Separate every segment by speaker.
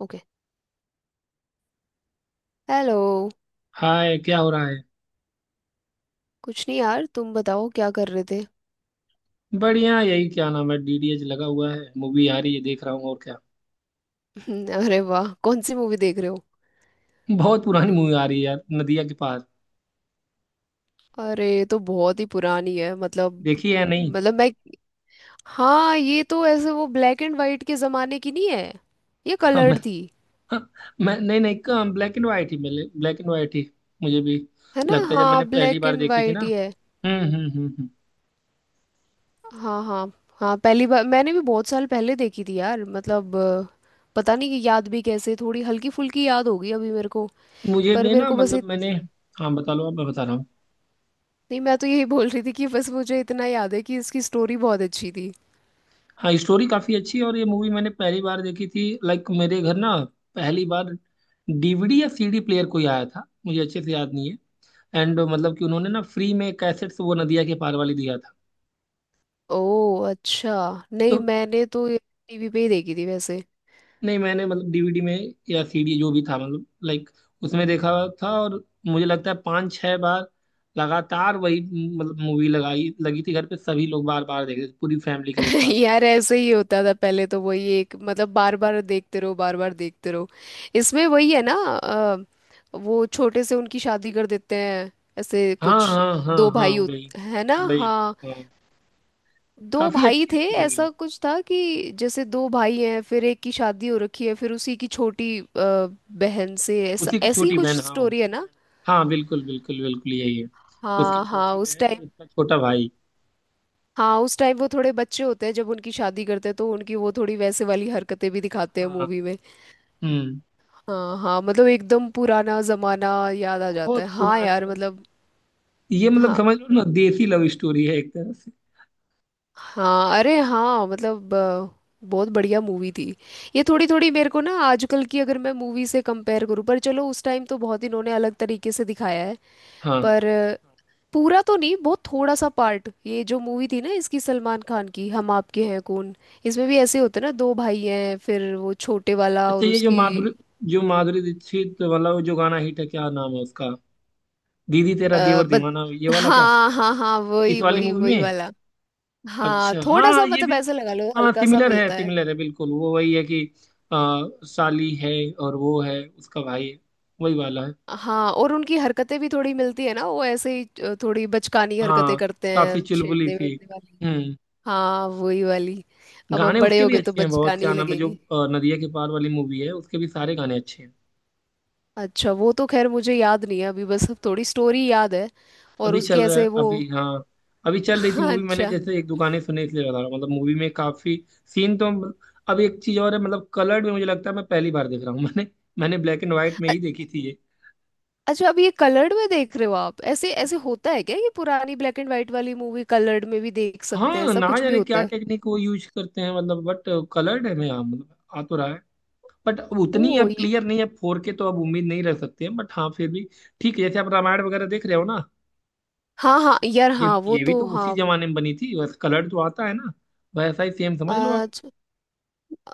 Speaker 1: Okay. Hello.
Speaker 2: Hi, क्या हो रहा है?
Speaker 1: कुछ नहीं यार, तुम बताओ क्या कर रहे थे?
Speaker 2: बढ़िया। यही क्या नाम है, डीडीएच लगा हुआ है, मूवी आ रही है, देख रहा हूँ। और क्या।
Speaker 1: अरे वाह, कौन सी मूवी देख रहे हो?
Speaker 2: बहुत पुरानी मूवी आ रही है यार, नदिया के पार।
Speaker 1: अरे ये तो बहुत ही पुरानी है, मतलब।
Speaker 2: देखी है या नहीं?
Speaker 1: मतलब मैं... हाँ, ये तो ऐसे वो ब्लैक एंड वाइट के जमाने की नहीं है? ये
Speaker 2: हाँ, मैं।
Speaker 1: कलर्ड थी।
Speaker 2: हाँ, मैं नहीं नहीं, ब्लैक एंड वाइट ही मिले, ब्लैक एंड वाइट ही। मुझे भी
Speaker 1: है ना?
Speaker 2: लगता है जब
Speaker 1: हाँ,
Speaker 2: मैंने पहली
Speaker 1: ब्लैक
Speaker 2: बार
Speaker 1: एंड
Speaker 2: देखी थी ना।
Speaker 1: वाइट ही है।
Speaker 2: हम्म हम्म हम्म हम्म।
Speaker 1: हाँ हाँ। हाँ, पहली बार मैंने भी बहुत साल पहले देखी थी यार, मतलब पता नहीं कि याद भी कैसे, थोड़ी हल्की फुल्की याद होगी अभी मेरे को।
Speaker 2: मुझे
Speaker 1: पर
Speaker 2: भी
Speaker 1: मेरे
Speaker 2: ना,
Speaker 1: को बस
Speaker 2: मतलब मैंने... हाँ बता लो आप, मैं बता रहा हूँ।
Speaker 1: नहीं, मैं तो यही बोल रही थी कि बस मुझे इतना याद है कि इसकी स्टोरी बहुत अच्छी थी।
Speaker 2: हाँ, स्टोरी काफी अच्छी है और ये मूवी मैंने पहली बार देखी थी, लाइक मेरे घर ना पहली बार डीवीडी या सीडी प्लेयर कोई आया था, मुझे अच्छे से याद नहीं है। एंड मतलब कि उन्होंने ना फ्री में कैसेट्स वो नदिया के पार वाली दिया था
Speaker 1: ओह अच्छा। नहीं,
Speaker 2: तो।
Speaker 1: मैंने तो ये टीवी पे ही देखी थी वैसे।
Speaker 2: नहीं, मैंने मतलब डीवीडी में या सीडी जो भी था, मतलब लाइक उसमें देखा था। और मुझे लगता है पाँच छह बार लगातार वही, मतलब मूवी लगाई लगी थी घर पे, सभी लोग बार बार देख रहे थे, पूरी फैमिली के लोग साथ में।
Speaker 1: यार ऐसे ही होता था पहले, तो वही एक, मतलब बार बार देखते रहो, बार बार देखते रहो। इसमें वही है ना। वो छोटे से उनकी शादी कर देते हैं, ऐसे
Speaker 2: हाँ
Speaker 1: कुछ।
Speaker 2: हाँ हाँ हाँ, वही
Speaker 1: है ना,
Speaker 2: वही।
Speaker 1: हाँ।
Speaker 2: हाँ,
Speaker 1: दो
Speaker 2: काफी
Speaker 1: भाई
Speaker 2: अच्छी
Speaker 1: थे,
Speaker 2: स्टोरी है।
Speaker 1: ऐसा कुछ था कि जैसे दो भाई हैं, फिर एक की शादी हो रखी है, फिर उसी की छोटी बहन से। ऐसा
Speaker 2: उसी की
Speaker 1: ऐसी ही
Speaker 2: छोटी
Speaker 1: कुछ
Speaker 2: बहन, हाँ।
Speaker 1: स्टोरी है ना।
Speaker 2: हाँ, बिल्कुल बिल्कुल बिल्कुल यही है। उसकी
Speaker 1: हाँ हाँ,
Speaker 2: छोटी
Speaker 1: उस
Speaker 2: बहन और
Speaker 1: टाइम।
Speaker 2: उसका छोटा भाई।
Speaker 1: हाँ, उस टाइम वो थोड़े बच्चे होते हैं जब उनकी शादी करते हैं, तो उनकी वो थोड़ी वैसे वाली हरकतें भी दिखाते हैं
Speaker 2: हाँ।
Speaker 1: मूवी में।
Speaker 2: हम्म।
Speaker 1: हाँ हाँ, मतलब एकदम पुराना जमाना याद आ जाता
Speaker 2: बहुत
Speaker 1: है। हाँ
Speaker 2: पुरानी,
Speaker 1: यार, मतलब।
Speaker 2: मतलब ये, मतलब
Speaker 1: हाँ
Speaker 2: समझ लो ना, देसी लव स्टोरी है एक तरह से।
Speaker 1: हाँ अरे हाँ, मतलब बहुत बढ़िया मूवी थी। ये थोड़ी थोड़ी मेरे को ना आजकल की अगर मैं मूवी से कंपेयर करूँ, पर चलो उस टाइम तो बहुत इन्होंने अलग तरीके से दिखाया है।
Speaker 2: हाँ।
Speaker 1: पर, पूरा तो नहीं, बहुत थोड़ा सा पार्ट, ये जो मूवी थी ना इसकी, सलमान खान की हम आपके हैं कौन, इसमें भी ऐसे होते ना, दो भाई हैं फिर वो छोटे वाला
Speaker 2: अच्छा,
Speaker 1: और
Speaker 2: ये
Speaker 1: उसकी...
Speaker 2: जो माधुरी दीक्षित वाला, वो जो गाना हिट है, क्या नाम है उसका, दीदी तेरा
Speaker 1: आ,
Speaker 2: देवर
Speaker 1: बद...
Speaker 2: दीवाना, ये वाला क्या?
Speaker 1: हाँ हाँ हाँ,
Speaker 2: इस
Speaker 1: वही
Speaker 2: वाली
Speaker 1: वही
Speaker 2: मूवी
Speaker 1: वही
Speaker 2: में?
Speaker 1: वाला। हाँ
Speaker 2: अच्छा,
Speaker 1: थोड़ा
Speaker 2: हाँ,
Speaker 1: सा,
Speaker 2: ये भी।
Speaker 1: मतलब ऐसे लगा लो
Speaker 2: हाँ,
Speaker 1: हल्का सा
Speaker 2: सिमिलर है,
Speaker 1: मिलता है।
Speaker 2: सिमिलर है, बिल्कुल वो वही है कि साली है और वो है, उसका भाई है, वही वाला है।
Speaker 1: हाँ, और उनकी हरकतें भी थोड़ी मिलती है ना, वो ऐसे ही थोड़ी बचकानी हरकतें
Speaker 2: हाँ।
Speaker 1: करते हैं,
Speaker 2: काफी चुलबुली
Speaker 1: छेड़ने
Speaker 2: सी।
Speaker 1: वेड़ने वाली।
Speaker 2: हम्म।
Speaker 1: हाँ, वही वाली। अब हम
Speaker 2: गाने
Speaker 1: बड़े
Speaker 2: उसके
Speaker 1: हो
Speaker 2: भी
Speaker 1: गए तो
Speaker 2: अच्छे हैं बहुत,
Speaker 1: बचकानी
Speaker 2: क्या
Speaker 1: ही
Speaker 2: नाम है, जो
Speaker 1: लगेंगी।
Speaker 2: नदिया के पार वाली मूवी है, उसके भी सारे गाने अच्छे हैं।
Speaker 1: अच्छा वो तो खैर मुझे याद नहीं है अभी, बस अब थोड़ी स्टोरी याद है और
Speaker 2: अभी
Speaker 1: उसके
Speaker 2: चल रहा है
Speaker 1: ऐसे वो...
Speaker 2: अभी, हाँ। अभी चल रही थी
Speaker 1: हाँ,
Speaker 2: मूवी, मैंने
Speaker 1: अच्छा।
Speaker 2: जैसे एक दुकाने सुने इसलिए बता रहा हूँ, मतलब मूवी में काफी सीन तो... अब एक चीज और है, मतलब कलर्ड में मुझे लगता है मैं पहली बार देख रहा हूँ। मैंने मैंने ब्लैक एंड व्हाइट में
Speaker 1: अ-
Speaker 2: ही देखी थी ये।
Speaker 1: अच्छा, अब ये कलर्ड में देख रहे हो आप? ऐसे ऐसे होता है क्या, ये पुरानी ब्लैक एंड व्हाइट वाली मूवी कलर्ड में भी देख सकते हैं?
Speaker 2: हाँ,
Speaker 1: ऐसा
Speaker 2: ना
Speaker 1: कुछ भी
Speaker 2: जाने
Speaker 1: होता
Speaker 2: क्या
Speaker 1: है?
Speaker 2: टेक्निक वो यूज करते हैं, मतलब बट कलर्ड है, मैं हाँ, मतलब आ तो रहा है। बट अब
Speaker 1: ओ
Speaker 2: उतनी, अब
Speaker 1: ये...
Speaker 2: क्लियर नहीं है, फोर के तो अब उम्मीद नहीं रख सकते हैं, बट हाँ फिर भी। ठीक है, जैसे आप रामायण वगैरह देख रहे हो ना,
Speaker 1: हाँ हाँ यार,
Speaker 2: ये
Speaker 1: हाँ, वो
Speaker 2: ये भी
Speaker 1: तो
Speaker 2: तो उसी
Speaker 1: हाँ।
Speaker 2: जमाने में बनी थी, बस कलर्ड तो आता है ना, वैसा ही सेम समझ लो आप।
Speaker 1: अच्छा।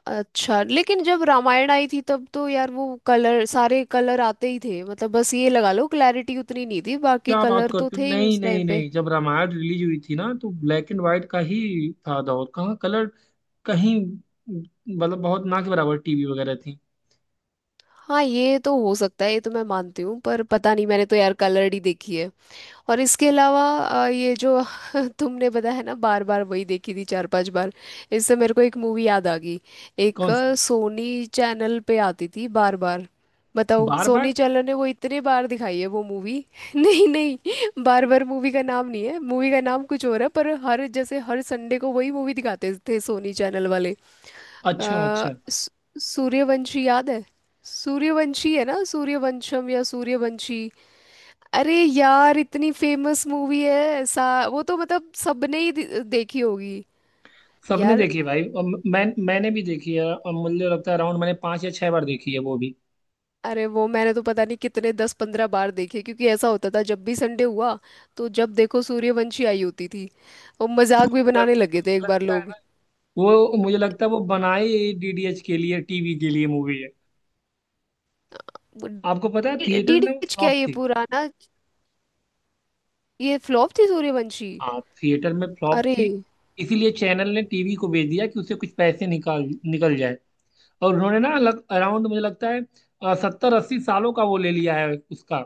Speaker 1: अच्छा, लेकिन जब रामायण आई थी तब तो यार वो कलर, सारे कलर आते ही थे, मतलब बस ये लगा लो क्लैरिटी उतनी नहीं थी, बाकी
Speaker 2: क्या बात
Speaker 1: कलर तो
Speaker 2: करते हो,
Speaker 1: थे ही
Speaker 2: नहीं
Speaker 1: उस
Speaker 2: नहीं
Speaker 1: टाइम पे।
Speaker 2: नहीं, जब रामायण रिलीज हुई थी ना तो ब्लैक एंड व्हाइट का ही था दौर, कहाँ कलर कहीं, मतलब बहुत ना के बराबर टीवी वगैरह थी।
Speaker 1: हाँ, ये तो हो सकता है, ये तो मैं मानती हूँ, पर पता नहीं, मैंने तो यार कलर्ड ही देखी है। और इसके अलावा ये जो... तुमने बताया ना बार बार वही देखी थी, 4-5 बार, इससे मेरे को एक मूवी याद आ गई। एक
Speaker 2: कौन सी?
Speaker 1: सोनी चैनल पे आती थी बार बार। बताओ,
Speaker 2: बार बार।
Speaker 1: सोनी चैनल ने वो इतने बार दिखाई है वो मूवी। नहीं नहीं, बार बार मूवी का नाम नहीं है, मूवी का नाम कुछ और है, पर हर जैसे हर संडे को वही मूवी दिखाते थे सोनी चैनल वाले। अ,
Speaker 2: अच्छा अच्छा।
Speaker 1: सू- सूर्यवंशी याद है? सूर्यवंशी है ना, सूर्यवंशम या सूर्यवंशी। अरे यार, इतनी फेमस मूवी है सा... वो तो मतलब सबने ही देखी होगी।
Speaker 2: सबने
Speaker 1: यार।
Speaker 2: देखी है भाई, और मैंने भी देखी है, और मुझे लगता है अराउंड मैंने पांच या छह बार देखी है वो भी।
Speaker 1: अरे वो मैंने तो पता नहीं कितने, 10-15 बार देखे, क्योंकि ऐसा होता था जब भी संडे हुआ, तो जब देखो सूर्यवंशी आई होती थी। और मजाक भी बनाने
Speaker 2: सूर्यवंशी तो
Speaker 1: लगे थे
Speaker 2: मुझे
Speaker 1: एक बार
Speaker 2: लगता है
Speaker 1: लोग।
Speaker 2: ना, वो मुझे लगता है वो बनाई डीडीएच के लिए, टीवी के लिए मूवी है। आपको पता है थिएटर में ना वो
Speaker 1: डीडीएच क्या,
Speaker 2: फ्लॉप
Speaker 1: ये
Speaker 2: थी।
Speaker 1: पुराना? ये फ्लॉप थी सूर्यवंशी?
Speaker 2: हाँ, थिएटर में फ्लॉप
Speaker 1: अरे।
Speaker 2: थी। इसीलिए चैनल ने टीवी को भेज दिया कि उससे कुछ पैसे निकाल निकल जाए। और उन्होंने ना लग अराउंड मुझे लगता है 70-80 सालों का वो ले लिया है उसका।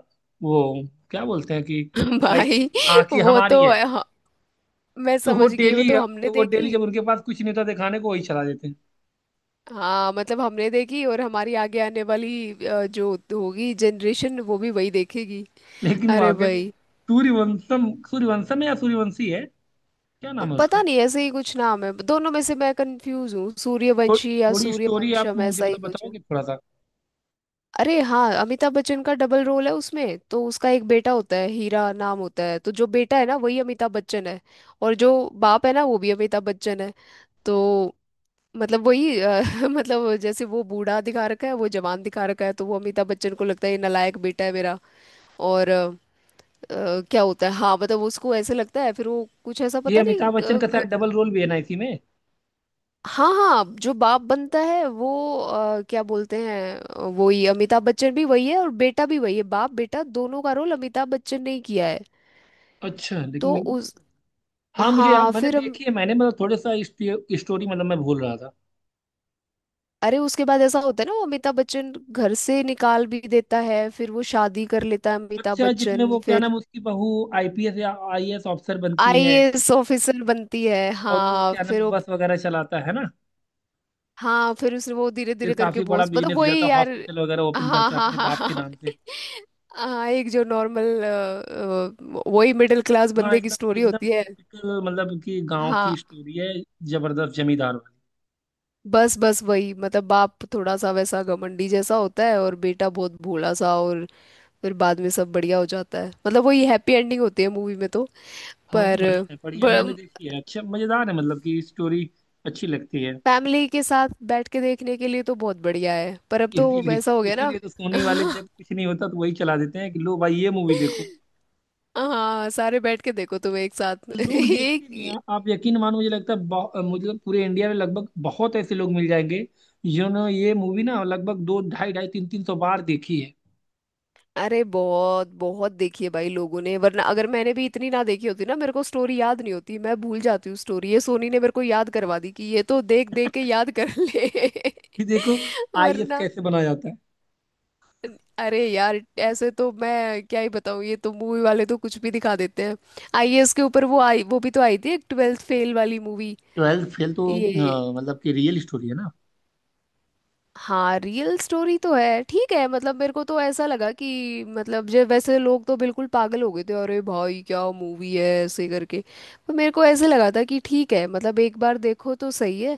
Speaker 2: वो क्या बोलते हैं कि लाइक
Speaker 1: भाई।
Speaker 2: हाँ कि
Speaker 1: वो
Speaker 2: हमारी
Speaker 1: तो
Speaker 2: है।
Speaker 1: हाँ, मैं
Speaker 2: तो वो
Speaker 1: समझ गई, वो
Speaker 2: डेली
Speaker 1: तो हमने
Speaker 2: तो वो डेली
Speaker 1: देखी।
Speaker 2: जब उनके पास कुछ नहीं होता दिखाने को, वही चला देते हैं।
Speaker 1: हाँ, मतलब हमने देखी और हमारी आगे आने वाली जो होगी जनरेशन, वो भी वही देखेगी।
Speaker 2: लेकिन
Speaker 1: अरे
Speaker 2: वहाँ के भी
Speaker 1: भाई,
Speaker 2: सूर्यवंशम, सूर्यवंशम है या सूर्यवंशी है, क्या
Speaker 1: अब
Speaker 2: नाम है
Speaker 1: पता
Speaker 2: उसका?
Speaker 1: नहीं, ऐसे ही कुछ नाम है, दोनों में से मैं कंफ्यूज हूँ, सूर्यवंशी या
Speaker 2: थोड़ी स्टोरी आप
Speaker 1: सूर्यवंशम,
Speaker 2: मुझे
Speaker 1: ऐसा ही
Speaker 2: मतलब
Speaker 1: कुछ है।
Speaker 2: बताओगे थोड़ा सा?
Speaker 1: अरे हाँ, अमिताभ बच्चन का डबल रोल है उसमें, तो उसका एक बेटा होता है, हीरा नाम होता है, तो जो बेटा है ना वही अमिताभ बच्चन है। और जो बाप है ना वो भी अमिताभ बच्चन है। तो मतलब वही मतलब जैसे वो बूढ़ा दिखा रखा है, वो जवान दिखा रखा है, तो वो अमिताभ बच्चन को लगता है ये नालायक बेटा है मेरा। और क्या होता है, हाँ मतलब उसको ऐसे लगता है, फिर वो कुछ ऐसा
Speaker 2: ये
Speaker 1: पता नहीं
Speaker 2: अमिताभ बच्चन का शायद डबल रोल भी है ना इसी में।
Speaker 1: हाँ हाँ, जो बाप बनता है वो क्या बोलते हैं, वही अमिताभ बच्चन भी वही है और बेटा भी वही है, बाप बेटा दोनों का रोल अमिताभ बच्चन ने ही किया है।
Speaker 2: अच्छा
Speaker 1: तो
Speaker 2: लेकिन...
Speaker 1: उस...
Speaker 2: हाँ मुझे
Speaker 1: हाँ
Speaker 2: मैंने
Speaker 1: फिर हम...
Speaker 2: देखी है मैंने, मतलब थोड़ा सा स्टोरी, मतलब मैं भूल रहा था।
Speaker 1: अरे उसके बाद ऐसा होता है ना वो अमिताभ बच्चन घर से निकाल भी देता है, फिर वो शादी कर लेता है अमिताभ
Speaker 2: अच्छा, जिसमें
Speaker 1: बच्चन,
Speaker 2: वो क्या
Speaker 1: फिर
Speaker 2: नाम, उसकी बहू आईपीएस या आईएएस ऑफिसर बनती है,
Speaker 1: आईएएस ऑफिसर बनती है।
Speaker 2: और वो
Speaker 1: हाँ
Speaker 2: क्या नाम,
Speaker 1: फिर वो,
Speaker 2: बस वगैरह चलाता है ना।
Speaker 1: हाँ फिर उसने वो धीरे
Speaker 2: फिर
Speaker 1: धीरे करके
Speaker 2: काफी बड़ा
Speaker 1: बहुत, मतलब
Speaker 2: बिजनेस हो
Speaker 1: वही
Speaker 2: जाता है,
Speaker 1: यार।
Speaker 2: हॉस्पिटल वगैरह ओपन
Speaker 1: हाँ
Speaker 2: करता है
Speaker 1: हाँ
Speaker 2: अपने
Speaker 1: हाँ
Speaker 2: बाप
Speaker 1: हाँ
Speaker 2: के
Speaker 1: हाँ।
Speaker 2: नाम से।
Speaker 1: हाँ, एक जो नॉर्मल वही मिडिल क्लास
Speaker 2: हाँ,
Speaker 1: बंदे की
Speaker 2: एकदम
Speaker 1: स्टोरी
Speaker 2: एकदम
Speaker 1: होती है।
Speaker 2: टिपिकल, मतलब कि गांव की
Speaker 1: हाँ,
Speaker 2: स्टोरी है, जबरदस्त जमींदार वाली।
Speaker 1: बस बस वही, मतलब बाप थोड़ा सा वैसा घमंडी जैसा होता है और बेटा बहुत भोला सा, और फिर बाद में सब बढ़िया हो जाता है, मतलब वही हैप्पी एंडिंग होती है मूवी में तो।
Speaker 2: हाँ
Speaker 1: पर
Speaker 2: बढ़िया है, मैंने देखी है, अच्छा मजेदार है, मतलब कि स्टोरी अच्छी लगती है।
Speaker 1: फैमिली के साथ बैठ के देखने के लिए तो बहुत बढ़िया है, पर अब तो
Speaker 2: इसीलिए
Speaker 1: वैसा हो गया ना।
Speaker 2: इसीलिए तो सोनी वाले, जब कुछ नहीं होता तो वही चला देते हैं, कि लो भाई ये मूवी देखो।
Speaker 1: हाँ सारे बैठ के देखो तुम एक साथ।
Speaker 2: लोग देखते भी हैं,
Speaker 1: एक...
Speaker 2: आप यकीन मानो, मुझे लगता है मुझे पूरे इंडिया में लगभग बहुत ऐसे लोग मिल जाएंगे जिन्होंने ये मूवी ना लगभग दो ढाई ढाई तीन तीन सौ बार देखी है,
Speaker 1: अरे बहुत बहुत देखी है भाई लोगों ने, वरना अगर मैंने भी इतनी ना देखी होती ना, मेरे को स्टोरी याद नहीं होती, मैं भूल जाती हूँ स्टोरी, ये सोनी ने मेरे को याद करवा दी कि ये तो देख देख के याद कर ले।
Speaker 2: कि देखो आईएएस
Speaker 1: वरना...
Speaker 2: कैसे बना जाता है।
Speaker 1: अरे यार ऐसे तो मैं क्या ही बताऊँ, ये तो मूवी वाले तो कुछ भी दिखा देते हैं। आईएएस के ऊपर वो आई, वो भी तो आई थी एक, ट्वेल्थ फेल वाली मूवी।
Speaker 2: ट्वेल्थ फेल तो
Speaker 1: ये...
Speaker 2: मतलब कि रियल स्टोरी है ना।
Speaker 1: हाँ रियल स्टोरी तो है, ठीक है, मतलब मेरे को तो ऐसा लगा कि, मतलब जो वैसे लोग तो बिल्कुल पागल हो गए थे, अरे भाई क्या मूवी है ऐसे करके। पर मेरे को ऐसे लगा था कि ठीक है, मतलब एक बार देखो तो सही है,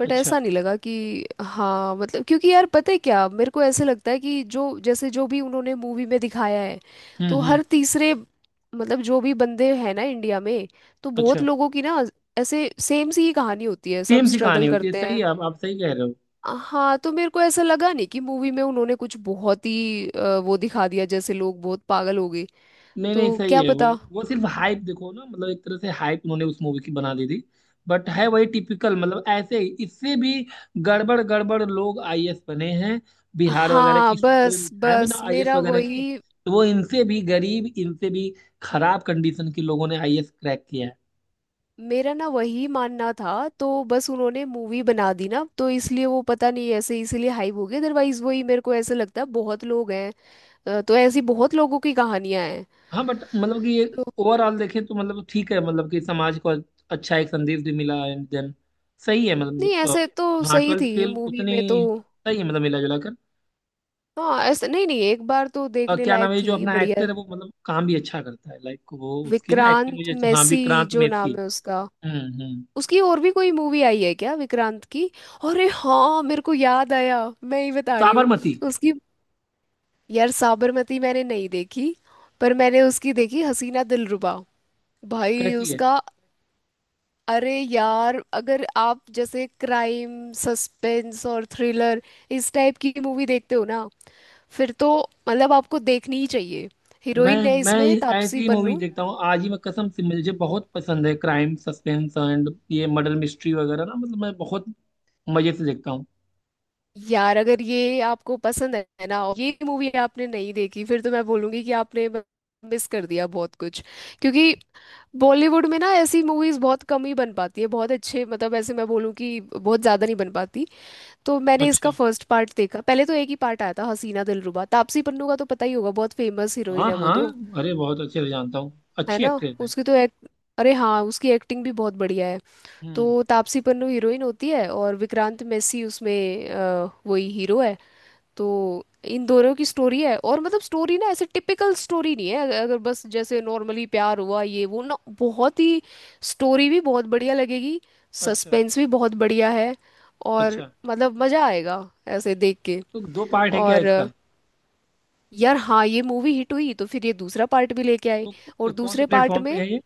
Speaker 1: बट
Speaker 2: अच्छा,
Speaker 1: ऐसा नहीं लगा कि हाँ, मतलब क्योंकि यार पता है क्या, मेरे को ऐसे लगता है कि जो जैसे जो भी उन्होंने मूवी में दिखाया है, तो
Speaker 2: हम्म,
Speaker 1: हर तीसरे, मतलब जो भी बंदे हैं ना इंडिया में, तो बहुत
Speaker 2: अच्छा।
Speaker 1: लोगों की ना ऐसे सेम सी ही कहानी होती है, सब
Speaker 2: सेम सी कहानी
Speaker 1: स्ट्रगल
Speaker 2: होती है,
Speaker 1: करते
Speaker 2: सही
Speaker 1: हैं।
Speaker 2: है, आप सही कह रहे हो।
Speaker 1: हाँ, तो मेरे को ऐसा लगा नहीं कि मूवी में उन्होंने कुछ बहुत ही वो दिखा दिया जैसे लोग बहुत पागल हो गए।
Speaker 2: नहीं नहीं,
Speaker 1: तो
Speaker 2: सही
Speaker 1: क्या
Speaker 2: है वो
Speaker 1: पता।
Speaker 2: वो सिर्फ हाइप देखो ना, मतलब एक तरह से हाइप उन्होंने उस मूवी की बना दी थी। बट है वही टिपिकल, मतलब ऐसे ही, इससे भी गड़बड़ गड़बड़ लोग आईएएस बने हैं, बिहार वगैरह
Speaker 1: हाँ
Speaker 2: की स्टूडेंट
Speaker 1: बस
Speaker 2: उठाए
Speaker 1: बस
Speaker 2: बिना आईएएस
Speaker 1: मेरा
Speaker 2: वगैरह की।
Speaker 1: वही,
Speaker 2: तो वो इनसे भी गरीब, इनसे भी खराब कंडीशन के लोगों ने आईएएस क्रैक किया है।
Speaker 1: मेरा ना वही मानना था। तो बस उन्होंने मूवी बना दी ना, तो इसलिए वो पता नहीं ऐसे, इसीलिए हाइप हो गई, अदरवाइज वही मेरे को ऐसे लगता है बहुत लोग हैं, तो ऐसी बहुत लोगों की कहानियां हैं।
Speaker 2: हाँ बट मतलब कि ये ओवरऑल देखें तो मतलब ठीक है, मतलब कि समाज को अच्छा एक संदेश भी मिला, एंड देन सही है,
Speaker 1: नहीं
Speaker 2: मतलब
Speaker 1: ऐसे तो
Speaker 2: हाँ,
Speaker 1: सही
Speaker 2: ट्वेल्थ
Speaker 1: थी
Speaker 2: फेल
Speaker 1: मूवी
Speaker 2: उतनी
Speaker 1: में तो।
Speaker 2: सही है, मतलब मिला जुला।
Speaker 1: हाँ ऐसे, नहीं नहीं एक बार तो देखने
Speaker 2: क्या नाम
Speaker 1: लायक
Speaker 2: है ये जो
Speaker 1: थी,
Speaker 2: अपना
Speaker 1: बढ़िया।
Speaker 2: एक्टर है वो, मतलब काम भी अच्छा करता है, लाइक वो उसकी ना एक्टिंग
Speaker 1: विक्रांत
Speaker 2: मुझे हाँ,
Speaker 1: मैसी
Speaker 2: विक्रांत
Speaker 1: जो नाम
Speaker 2: मेसी।
Speaker 1: है उसका।
Speaker 2: हम्म।
Speaker 1: उसकी और भी कोई मूवी आई है क्या, विक्रांत की? अरे हाँ मेरे को याद आया, मैं ही बता रही हूँ
Speaker 2: साबरमती।
Speaker 1: उसकी। यार साबरमती मैंने नहीं देखी, पर मैंने उसकी देखी हसीना दिलरुबा। भाई
Speaker 2: कैसी है?
Speaker 1: उसका... अरे यार अगर आप जैसे क्राइम सस्पेंस और थ्रिलर इस टाइप की मूवी देखते हो ना, फिर तो मतलब आपको देखनी ही चाहिए।
Speaker 2: मैं
Speaker 1: हीरोइन है
Speaker 2: मैं
Speaker 1: इसमें तापसी
Speaker 2: ऐसी मूवी
Speaker 1: पन्नू।
Speaker 2: देखता हूँ, आज ही मैं कसम से, मुझे बहुत पसंद है क्राइम सस्पेंस एंड ये मर्डर मिस्ट्री वगैरह ना, मतलब मैं बहुत मजे से देखता हूँ।
Speaker 1: यार अगर ये आपको पसंद है ना और ये मूवी आपने नहीं देखी, फिर तो मैं बोलूंगी कि आपने मिस कर दिया बहुत कुछ। क्योंकि बॉलीवुड में ना ऐसी मूवीज बहुत कम ही बन पाती है, बहुत अच्छे, मतलब ऐसे मैं बोलूँ कि बहुत ज़्यादा नहीं बन पाती। तो मैंने इसका
Speaker 2: अच्छा,
Speaker 1: फर्स्ट पार्ट देखा, पहले तो एक ही पार्ट आया था हसीना दिलरुबा, तापसी पन्नू का तो पता ही होगा, बहुत फेमस हीरोइन
Speaker 2: हाँ
Speaker 1: है वो
Speaker 2: हाँ,
Speaker 1: तो।
Speaker 2: अरे बहुत अच्छे से जानता हूँ,
Speaker 1: है
Speaker 2: अच्छी
Speaker 1: ना,
Speaker 2: एक्ट्रेस है।
Speaker 1: उसकी तो एक... अरे हाँ, उसकी एक्टिंग भी बहुत बढ़िया है।
Speaker 2: हम्म।
Speaker 1: तो तापसी पन्नू हीरोइन होती है और विक्रांत मैसी उसमें वही हीरो है। तो इन दोनों की स्टोरी है, और मतलब स्टोरी ना ऐसे टिपिकल स्टोरी नहीं है, अगर अगर बस जैसे नॉर्मली प्यार हुआ ये वो ना, बहुत ही स्टोरी भी बहुत बढ़िया लगेगी,
Speaker 2: अच्छा
Speaker 1: सस्पेंस भी बहुत बढ़िया है, और
Speaker 2: अच्छा।
Speaker 1: मतलब मज़ा आएगा ऐसे देख के।
Speaker 2: तो दो पार्ट है क्या
Speaker 1: और
Speaker 2: इसका?
Speaker 1: यार हाँ, ये मूवी हिट हुई तो फिर ये दूसरा पार्ट भी लेके आए।
Speaker 2: तो
Speaker 1: और
Speaker 2: कौन से
Speaker 1: दूसरे पार्ट
Speaker 2: प्लेटफॉर्म
Speaker 1: में...
Speaker 2: पे है ये?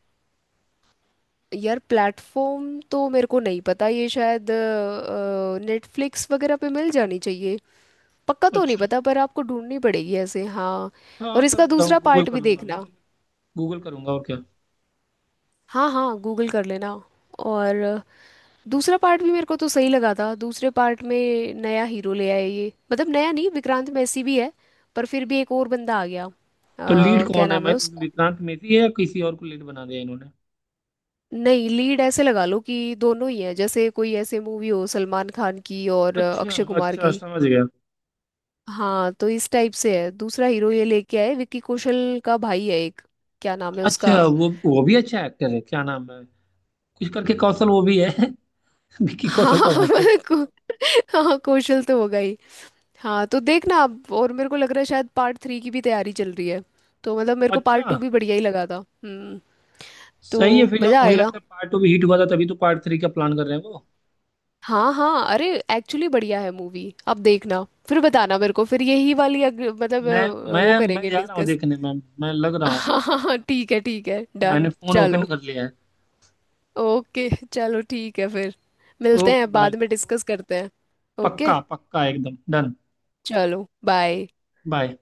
Speaker 1: यार प्लेटफॉर्म तो मेरे को नहीं पता, ये शायद नेटफ्लिक्स वगैरह पे मिल जानी चाहिए, पक्का तो नहीं
Speaker 2: अच्छा,
Speaker 1: पता, पर आपको ढूंढनी पड़ेगी ऐसे। हाँ
Speaker 2: हाँ
Speaker 1: और
Speaker 2: कर
Speaker 1: इसका
Speaker 2: देता हूँ,
Speaker 1: दूसरा
Speaker 2: गूगल
Speaker 1: पार्ट
Speaker 2: कर
Speaker 1: भी
Speaker 2: लूंगा मैं।
Speaker 1: देखना।
Speaker 2: गूगल करूंगा और क्या।
Speaker 1: हाँ हाँ गूगल कर लेना। और दूसरा पार्ट भी मेरे को तो सही लगा था, दूसरे पार्ट में नया हीरो ले आए ये, मतलब नया नहीं, विक्रांत मैसी भी है, पर फिर भी एक और बंदा आ गया।
Speaker 2: तो लीड
Speaker 1: क्या
Speaker 2: कौन है,
Speaker 1: नाम है
Speaker 2: मैं...
Speaker 1: उसका?
Speaker 2: विक्रांत मेसी है, या किसी और को लीड बना दिया इन्होंने?
Speaker 1: नहीं, लीड ऐसे लगा लो कि दोनों ही हैं, जैसे कोई ऐसे मूवी हो सलमान खान की और
Speaker 2: अच्छा
Speaker 1: अक्षय कुमार
Speaker 2: अच्छा,
Speaker 1: की।
Speaker 2: समझ गया।
Speaker 1: हाँ, तो इस टाइप से है, दूसरा हीरो ये लेके आए विक्की कौशल का भाई है एक। क्या नाम है उसका?
Speaker 2: अच्छा, वो भी अच्छा एक्टर है, क्या नाम है, कुछ करके कौशल, वो भी है। विकी
Speaker 1: हाँ
Speaker 2: कौशल का भाई है।
Speaker 1: मैं को, हाँ कौशल तो होगा ही। हाँ तो देखना आप, और मेरे को लग रहा है शायद पार्ट 3 की भी तैयारी चल रही है, तो मतलब मेरे को
Speaker 2: अच्छा,
Speaker 1: पार्ट 2 भी बढ़िया ही लगा था। हम्म। तो
Speaker 2: सही है, फिर जब
Speaker 1: मज़ा
Speaker 2: मुझे
Speaker 1: आएगा।
Speaker 2: लगता है पार्ट टू भी हिट हुआ था तभी तो पार्ट थ्री का प्लान कर रहे हैं वो।
Speaker 1: हाँ हाँ अरे एक्चुअली बढ़िया है मूवी, अब देखना फिर बताना मेरे को, फिर यही वाली मतलब
Speaker 2: मैं
Speaker 1: वो
Speaker 2: मैं मैं
Speaker 1: करेंगे
Speaker 2: जा रहा हूँ
Speaker 1: डिस्कस।
Speaker 2: देखने में, मैं लग रहा हूँ,
Speaker 1: हाँ हाँ हाँ, ठीक है ठीक है,
Speaker 2: मैंने
Speaker 1: डन
Speaker 2: फोन ओपन
Speaker 1: चलो।
Speaker 2: कर लिया है।
Speaker 1: ओके चलो ठीक है फिर, मिलते
Speaker 2: ओके,
Speaker 1: हैं
Speaker 2: बाय।
Speaker 1: बाद में डिस्कस करते हैं। ओके
Speaker 2: पक्का पक्का एकदम डन।
Speaker 1: चलो बाय।
Speaker 2: बाय।